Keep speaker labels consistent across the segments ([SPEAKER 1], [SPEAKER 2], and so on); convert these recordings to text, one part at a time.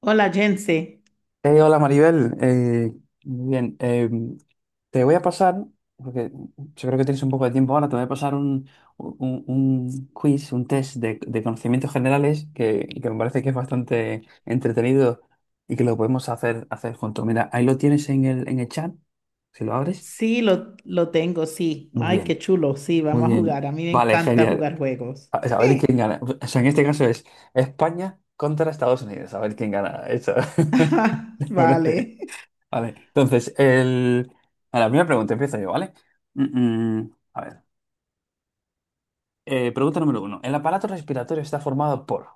[SPEAKER 1] Hola, Jense.
[SPEAKER 2] Hola Maribel. Muy bien. Te voy a pasar, porque yo creo que tienes un poco de tiempo ahora, te voy a pasar un quiz, un test de conocimientos generales que me parece que es bastante entretenido y que lo podemos hacer juntos. Mira, ahí lo tienes en el chat, si lo abres.
[SPEAKER 1] Sí, lo tengo, sí.
[SPEAKER 2] Muy
[SPEAKER 1] Ay, qué
[SPEAKER 2] bien,
[SPEAKER 1] chulo. Sí,
[SPEAKER 2] muy
[SPEAKER 1] vamos a
[SPEAKER 2] bien.
[SPEAKER 1] jugar. A mí me
[SPEAKER 2] Vale,
[SPEAKER 1] encanta
[SPEAKER 2] genial.
[SPEAKER 1] jugar juegos.
[SPEAKER 2] A ver quién
[SPEAKER 1] Sí.
[SPEAKER 2] gana. O sea, en este caso es España contra Estados Unidos. A ver quién gana. Eso. Me
[SPEAKER 1] Vale.
[SPEAKER 2] parece. Vale, entonces, el... a la primera pregunta empiezo yo, ¿vale? A ver. Pregunta número uno. El aparato respiratorio está formado por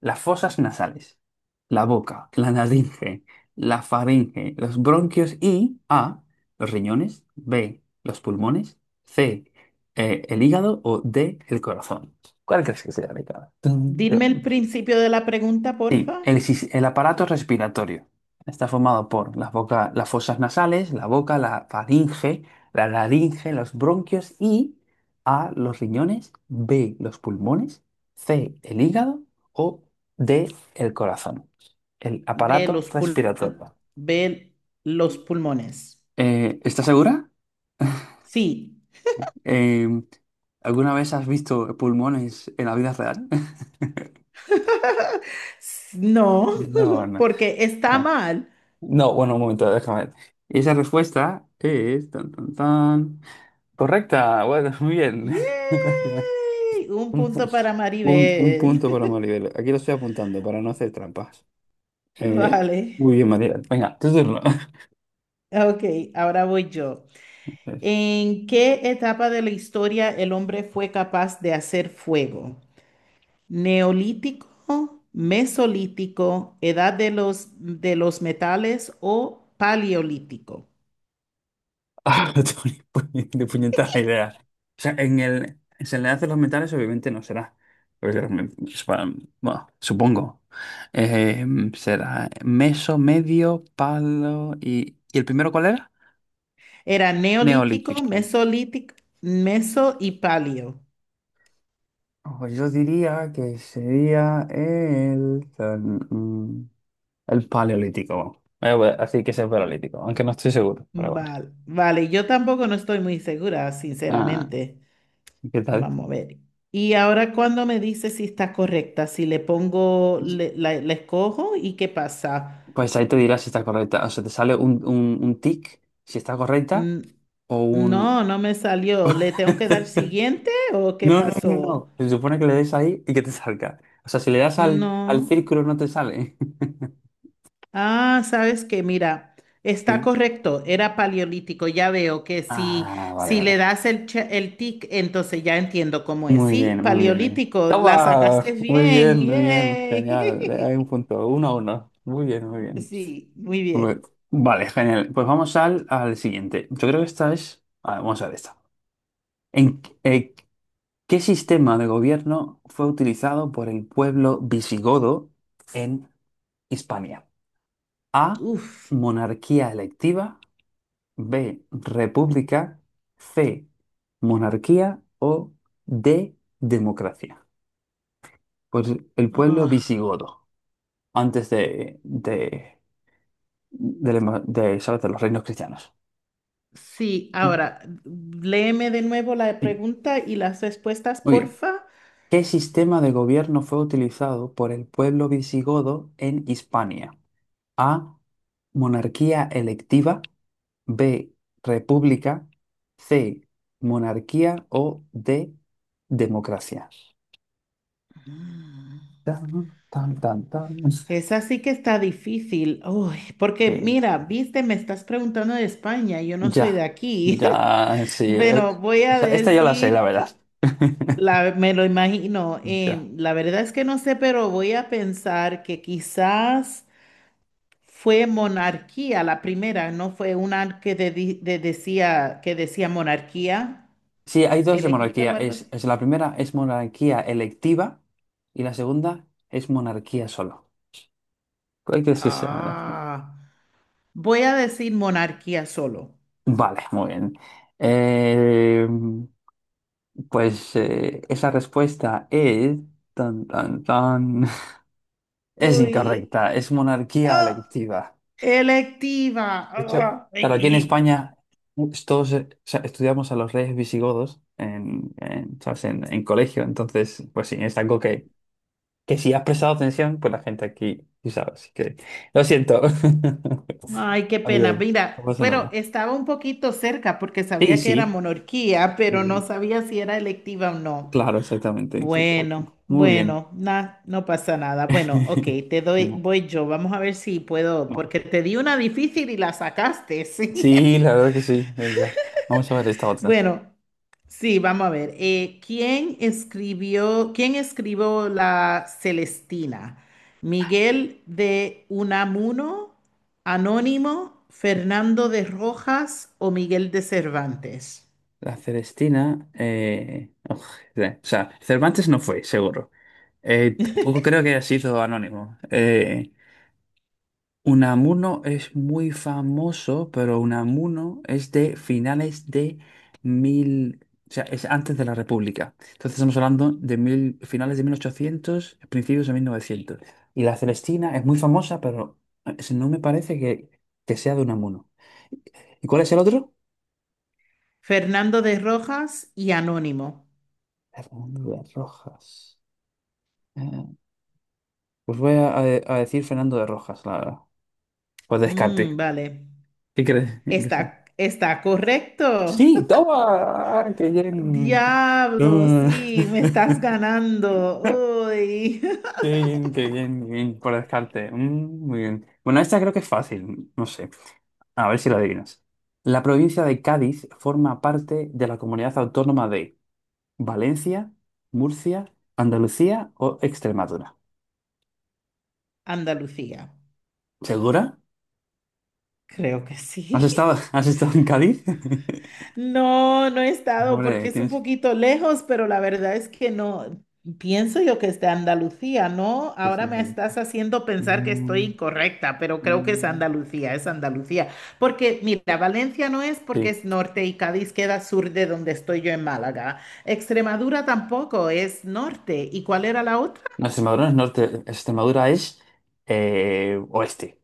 [SPEAKER 2] las fosas nasales, la boca, la laringe, la faringe, los bronquios y A, los riñones; B, los pulmones; C, el hígado; o D, el corazón. ¿Cuál crees que sea la indicada?
[SPEAKER 1] Dime el principio de la pregunta,
[SPEAKER 2] Sí,
[SPEAKER 1] porfa.
[SPEAKER 2] el aparato respiratorio está formado por las fosas nasales, la boca, la faringe, la laringe, los bronquios y A, los riñones; B, los pulmones; C, el hígado o D, el corazón. El
[SPEAKER 1] Ve
[SPEAKER 2] aparato
[SPEAKER 1] los pul-
[SPEAKER 2] respiratorio.
[SPEAKER 1] ve los pulmones.
[SPEAKER 2] ¿Estás segura?
[SPEAKER 1] Sí.
[SPEAKER 2] Eh, ¿Alguna vez has visto pulmones en la vida real?
[SPEAKER 1] No,
[SPEAKER 2] No, no.
[SPEAKER 1] porque está
[SPEAKER 2] Bueno,
[SPEAKER 1] mal.
[SPEAKER 2] no, bueno, un momento, déjame ver. Esa respuesta es... Tan, tan, tan. Correcta, bueno, muy bien.
[SPEAKER 1] ¡Yay! Un
[SPEAKER 2] Un, pu-
[SPEAKER 1] punto para
[SPEAKER 2] un
[SPEAKER 1] Maribel.
[SPEAKER 2] punto para Maribel. Aquí lo estoy apuntando para no hacer trampas. Eh,
[SPEAKER 1] Vale.
[SPEAKER 2] muy bien, Maribel. Venga, tu turno.
[SPEAKER 1] Ok, ahora voy yo. ¿En qué etapa de la historia el hombre fue capaz de hacer fuego? ¿Neolítico, mesolítico, edad de los metales o paleolítico?
[SPEAKER 2] Ah, tu de puñetada idea. O sea, en el se le hacen los metales, obviamente no será. Porque los me- es para- bueno, supongo. Eh, será meso, medio, palo y... ¿Y el primero cuál era?
[SPEAKER 1] Era neolítico,
[SPEAKER 2] Neolítico.
[SPEAKER 1] mesolítico, meso y paleo.
[SPEAKER 2] Ojo, yo diría que sería el paleolítico. Bueno, así que es el paleolítico, aunque no estoy seguro, pero bueno.
[SPEAKER 1] Vale, vale, yo tampoco no estoy muy segura,
[SPEAKER 2] Ah,
[SPEAKER 1] sinceramente.
[SPEAKER 2] ¿Qué tal?
[SPEAKER 1] Vamos a ver. Y ahora cuando me dice si está correcta, si le pongo, la escojo y qué pasa.
[SPEAKER 2] Pues ahí te dirá si está correcta. O sea, te sale un tic si está correcta
[SPEAKER 1] Mm,
[SPEAKER 2] o un...
[SPEAKER 1] No, no me salió. ¿Le tengo que dar siguiente o qué
[SPEAKER 2] No, no, no,
[SPEAKER 1] pasó?
[SPEAKER 2] no. Se supone que le des ahí y que te salga. O sea, si le das al
[SPEAKER 1] No.
[SPEAKER 2] círculo no te sale.
[SPEAKER 1] Ah, sabes que mira, está
[SPEAKER 2] Sí.
[SPEAKER 1] correcto, era paleolítico. Ya veo que
[SPEAKER 2] Ah, vale,
[SPEAKER 1] si le
[SPEAKER 2] vale.
[SPEAKER 1] das el tic, entonces ya entiendo cómo es.
[SPEAKER 2] Muy
[SPEAKER 1] Sí,
[SPEAKER 2] bien, muy bien.
[SPEAKER 1] paleolítico, la sacaste
[SPEAKER 2] Toma,
[SPEAKER 1] bien.
[SPEAKER 2] muy bien, genial. Hay un
[SPEAKER 1] ¡Yay!
[SPEAKER 2] punto, 1-1. Muy bien, muy bien.
[SPEAKER 1] Sí, muy
[SPEAKER 2] Bu-
[SPEAKER 1] bien.
[SPEAKER 2] Vale, genial. Pues vamos al siguiente. Yo creo que esta es. A ver, vamos a ver esta. ¿En qué ¿qué sistema de gobierno fue utilizado por el pueblo visigodo en Hispania? A.
[SPEAKER 1] Uf.
[SPEAKER 2] Monarquía electiva. B. República. C. Monarquía. O D. Democracia. Por el pueblo
[SPEAKER 1] Ah,
[SPEAKER 2] visigodo, antes ¿sabes? De los reinos cristianos.
[SPEAKER 1] sí, ahora, léeme de nuevo la
[SPEAKER 2] Sí.
[SPEAKER 1] pregunta y las respuestas,
[SPEAKER 2] Muy bien.
[SPEAKER 1] porfa.
[SPEAKER 2] ¿Qué sistema de gobierno fue utilizado por el pueblo visigodo en Hispania? A. Monarquía electiva. B. República. C. Monarquía o D. Democracia.
[SPEAKER 1] Mm.
[SPEAKER 2] Tan, tan, tan, tan.
[SPEAKER 1] Esa sí que está difícil. Uy, porque
[SPEAKER 2] Sí,
[SPEAKER 1] mira, viste, me estás preguntando de España, yo no soy de
[SPEAKER 2] ya.
[SPEAKER 1] aquí.
[SPEAKER 2] Ya, sí.
[SPEAKER 1] Bueno, voy
[SPEAKER 2] O
[SPEAKER 1] a
[SPEAKER 2] sea, esta yo la sé, la
[SPEAKER 1] decir
[SPEAKER 2] verdad.
[SPEAKER 1] que la, me lo imagino.
[SPEAKER 2] Ya.
[SPEAKER 1] La verdad es que no sé, pero voy a pensar que quizás fue monarquía la primera, no fue una que decía que decía monarquía
[SPEAKER 2] Sí, hay dos de
[SPEAKER 1] elegida
[SPEAKER 2] monarquía.
[SPEAKER 1] o algo así.
[SPEAKER 2] Es la primera es monarquía electiva y la segunda es monarquía solo. ¿Cuál crees que sea?
[SPEAKER 1] Ah, voy a decir monarquía solo.
[SPEAKER 2] Vale, muy bien. Eh, esa respuesta es... Tan, tan, tan. Es
[SPEAKER 1] Uy.
[SPEAKER 2] incorrecta, es monarquía
[SPEAKER 1] Ah.
[SPEAKER 2] electiva.
[SPEAKER 1] Electiva.
[SPEAKER 2] De hecho,
[SPEAKER 1] Ah,
[SPEAKER 2] claro, aquí en
[SPEAKER 1] ay,
[SPEAKER 2] España pues, todos o sea, estudiamos a los reyes visigodos ¿sabes? En colegio. Entonces, pues sí, es algo que si has prestado atención, pues la gente aquí sí sabe, así que lo siento.
[SPEAKER 1] ay, qué
[SPEAKER 2] A
[SPEAKER 1] pena.
[SPEAKER 2] nivel, no
[SPEAKER 1] Mira,
[SPEAKER 2] pasa
[SPEAKER 1] pero
[SPEAKER 2] nada.
[SPEAKER 1] estaba un poquito cerca porque
[SPEAKER 2] Sí,
[SPEAKER 1] sabía que era
[SPEAKER 2] sí,
[SPEAKER 1] monarquía,
[SPEAKER 2] muy
[SPEAKER 1] pero no
[SPEAKER 2] bien.
[SPEAKER 1] sabía si era electiva o no.
[SPEAKER 2] Claro, exactamente, exactamente.
[SPEAKER 1] Bueno,
[SPEAKER 2] Muy bien.
[SPEAKER 1] bueno, nada, no pasa nada. Bueno, ok, te doy,
[SPEAKER 2] Venga,
[SPEAKER 1] voy yo. Vamos a ver si puedo, porque
[SPEAKER 2] vamos.
[SPEAKER 1] te di una difícil y la sacaste, sí.
[SPEAKER 2] Sí, la verdad que sí, venga. Vamos a ver esta otra.
[SPEAKER 1] Bueno, sí, vamos a ver. Quién escribió la Celestina? ¿Miguel de Unamuno, Anónimo, Fernando de Rojas o Miguel de Cervantes?
[SPEAKER 2] La Celestina. O sea, Cervantes no fue, seguro. Tampoco creo que haya sido anónimo. Unamuno es muy famoso, pero Unamuno es de finales de mil, o sea, es antes de la República. Entonces estamos hablando de mil, finales de 1800, principios de 1900. Y la Celestina es muy famosa, pero no me parece que sea de Unamuno. ¿Y cuál es el otro?
[SPEAKER 1] Fernando de Rojas y Anónimo.
[SPEAKER 2] Fernando de Rojas. Eh, Pues voy a decir Fernando de Rojas, la verdad. Pues
[SPEAKER 1] Mm,
[SPEAKER 2] descarte.
[SPEAKER 1] vale.
[SPEAKER 2] ¿Qué crees?
[SPEAKER 1] Está, está correcto.
[SPEAKER 2] Sí, toma, ah, qué bien.
[SPEAKER 1] Diablo,
[SPEAKER 2] Mm.
[SPEAKER 1] sí, me estás ganando. Uy.
[SPEAKER 2] Qué bien, qué bien, qué bien, por descarte. Mm, muy bien. Bueno, esta creo que es fácil, no sé. A ver si la adivinas. La provincia de Cádiz forma parte de la comunidad autónoma de Valencia, Murcia, Andalucía o Extremadura.
[SPEAKER 1] Andalucía.
[SPEAKER 2] ¿Segura?
[SPEAKER 1] Creo que
[SPEAKER 2] ¿Has
[SPEAKER 1] sí.
[SPEAKER 2] estado, has estado en Cádiz?
[SPEAKER 1] No, no he estado
[SPEAKER 2] Hombre,
[SPEAKER 1] porque es un
[SPEAKER 2] tienes que...
[SPEAKER 1] poquito lejos, pero la verdad es que no. Pienso yo que es de Andalucía, ¿no?
[SPEAKER 2] que ser
[SPEAKER 1] Ahora
[SPEAKER 2] en
[SPEAKER 1] me
[SPEAKER 2] Cádiz.
[SPEAKER 1] estás haciendo pensar que estoy
[SPEAKER 2] Mm,
[SPEAKER 1] incorrecta, pero creo que es
[SPEAKER 2] mm,
[SPEAKER 1] Andalucía, es Andalucía. Porque, mira, Valencia no es porque
[SPEAKER 2] Sí.
[SPEAKER 1] es norte y Cádiz queda sur de donde estoy yo en Málaga. Extremadura tampoco es norte. ¿Y cuál era la otra?
[SPEAKER 2] No, Extremadura no es norte, Extremadura es oeste.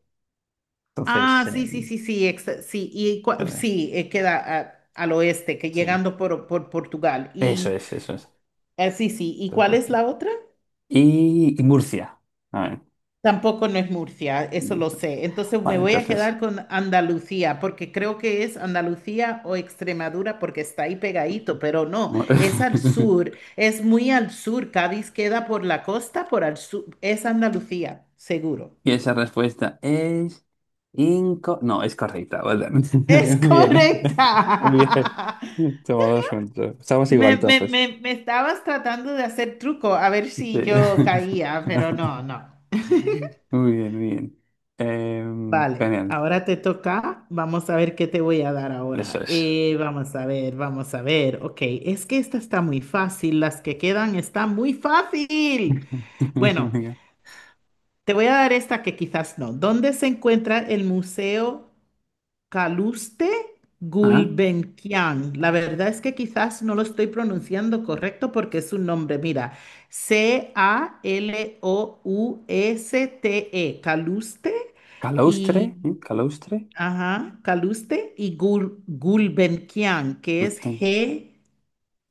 [SPEAKER 2] Entonces,
[SPEAKER 1] Ah, sí, sí, sí, sí, sí, y
[SPEAKER 2] eh,
[SPEAKER 1] sí, queda al oeste, que
[SPEAKER 2] sí.
[SPEAKER 1] llegando por Portugal.
[SPEAKER 2] Eso
[SPEAKER 1] Y
[SPEAKER 2] es, eso es.
[SPEAKER 1] sí, sí, ¿y cuál
[SPEAKER 2] Entonces,
[SPEAKER 1] es
[SPEAKER 2] sí.
[SPEAKER 1] la otra?
[SPEAKER 2] Y Murcia. A ver.
[SPEAKER 1] Tampoco no es Murcia, eso lo sé. Entonces me
[SPEAKER 2] Vale,
[SPEAKER 1] voy a
[SPEAKER 2] entonces.
[SPEAKER 1] quedar con Andalucía, porque creo que es Andalucía o Extremadura, porque está ahí pegadito, pero no,
[SPEAKER 2] mu-
[SPEAKER 1] es al sur, es muy al sur. Cádiz queda por la costa, por al sur. Es Andalucía, seguro.
[SPEAKER 2] Y esa respuesta es no, es correcta. Vale.
[SPEAKER 1] Es
[SPEAKER 2] Muy bien. ¿Eh? Muy bien.
[SPEAKER 1] correcta.
[SPEAKER 2] Toma 2 puntos. Estamos igual
[SPEAKER 1] Me, me,
[SPEAKER 2] entonces.
[SPEAKER 1] me, me estabas tratando de hacer truco, a ver
[SPEAKER 2] Sí.
[SPEAKER 1] si yo caía, pero no, no.
[SPEAKER 2] Muy bien, muy bien.
[SPEAKER 1] Vale,
[SPEAKER 2] Genial.
[SPEAKER 1] ahora te toca. Vamos a ver qué te voy a dar
[SPEAKER 2] Eso
[SPEAKER 1] ahora.
[SPEAKER 2] es.
[SPEAKER 1] Vamos a ver, vamos a ver. Ok, es que esta está muy fácil. Las que quedan están muy fácil. Bueno, te voy a dar esta que quizás no. ¿Dónde se encuentra el Museo Caluste
[SPEAKER 2] Ah,
[SPEAKER 1] Gulbenkian? La verdad es que quizás no lo estoy pronunciando correcto porque es un nombre. Mira, Calouste, Caluste.
[SPEAKER 2] Calaustre,
[SPEAKER 1] Y
[SPEAKER 2] ¿eh? Calaustre.
[SPEAKER 1] ajá, Caluste y Gulbenkian, que es
[SPEAKER 2] Este-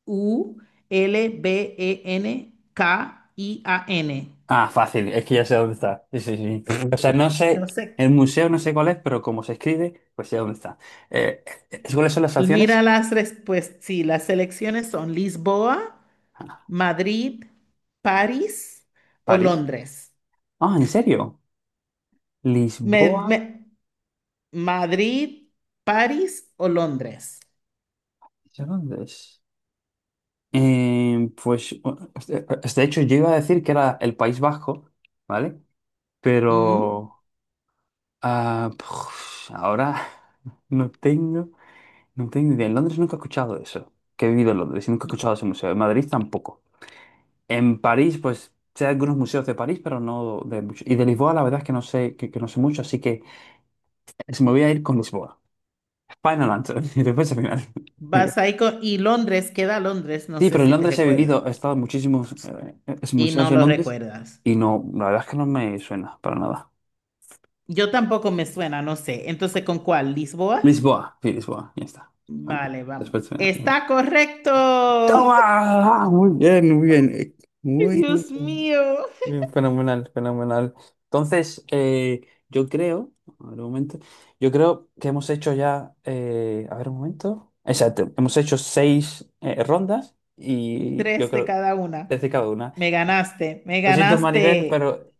[SPEAKER 1] Gulbenkian.
[SPEAKER 2] Ah, fácil, es que ya sé dónde está. Sí, sí, sí. O sea, no sé,
[SPEAKER 1] Yo sé.
[SPEAKER 2] el museo no sé cuál es, pero como se escribe, pues sé dónde está. Eh, ¿Cuáles son las opciones?
[SPEAKER 1] Mira las respuestas. Sí, las selecciones son Lisboa,
[SPEAKER 2] Ah,
[SPEAKER 1] Madrid, París o
[SPEAKER 2] París.
[SPEAKER 1] Londres.
[SPEAKER 2] Ah, ¿en serio?
[SPEAKER 1] Me-
[SPEAKER 2] Lisboa.
[SPEAKER 1] me- Madrid, París o Londres.
[SPEAKER 2] ¿Eso ¿Dónde es? Eh, pues, eh, de hecho, yo iba a decir que era el País Vasco, ¿vale?
[SPEAKER 1] Mm.
[SPEAKER 2] Pero ahora no tengo. No tengo idea. En Londres nunca he escuchado eso. Que he vivido en Londres y nunca he escuchado ese museo. En Madrid tampoco. En París, pues sé algunos museos de París, pero no de mucho. Y de Lisboa, la verdad es que no sé, que no sé mucho, así que se me voy a ir con Lisboa. Final answer. Y después al final.
[SPEAKER 1] Vas ahí y Londres, queda Londres, no
[SPEAKER 2] Sí,
[SPEAKER 1] sé
[SPEAKER 2] pero en
[SPEAKER 1] si te
[SPEAKER 2] Londres he
[SPEAKER 1] recuerdas.
[SPEAKER 2] vivido, he estado en muchísimos
[SPEAKER 1] Y
[SPEAKER 2] museos
[SPEAKER 1] no
[SPEAKER 2] en
[SPEAKER 1] lo
[SPEAKER 2] Londres
[SPEAKER 1] recuerdas.
[SPEAKER 2] y no, la verdad es que no me suena para nada.
[SPEAKER 1] Yo tampoco me suena, no sé. Entonces, ¿con cuál? ¿Lisboa?
[SPEAKER 2] Lisboa, sí, Lisboa, ya está. Bueno,
[SPEAKER 1] Vale, vamos.
[SPEAKER 2] después, pues.
[SPEAKER 1] Está correcto.
[SPEAKER 2] ¡Toma! Ah, muy bien, muy bien. Muy, muy
[SPEAKER 1] Dios
[SPEAKER 2] bien.
[SPEAKER 1] mío.
[SPEAKER 2] Bien, fenomenal, fenomenal. Entonces, yo creo, a ver un momento, yo creo que hemos hecho ya, a ver un momento, exacto, hemos hecho 6 rondas y yo
[SPEAKER 1] Tres de
[SPEAKER 2] creo,
[SPEAKER 1] cada una.
[SPEAKER 2] desde cada una.
[SPEAKER 1] Me ganaste, me
[SPEAKER 2] Lo siento, Maribel,
[SPEAKER 1] ganaste.
[SPEAKER 2] pero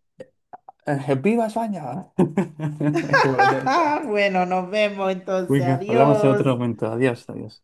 [SPEAKER 2] ¡viva España! Es como la que está.
[SPEAKER 1] Bueno, nos vemos entonces.
[SPEAKER 2] Venga, hablamos en otro
[SPEAKER 1] Adiós.
[SPEAKER 2] momento. Adiós, adiós.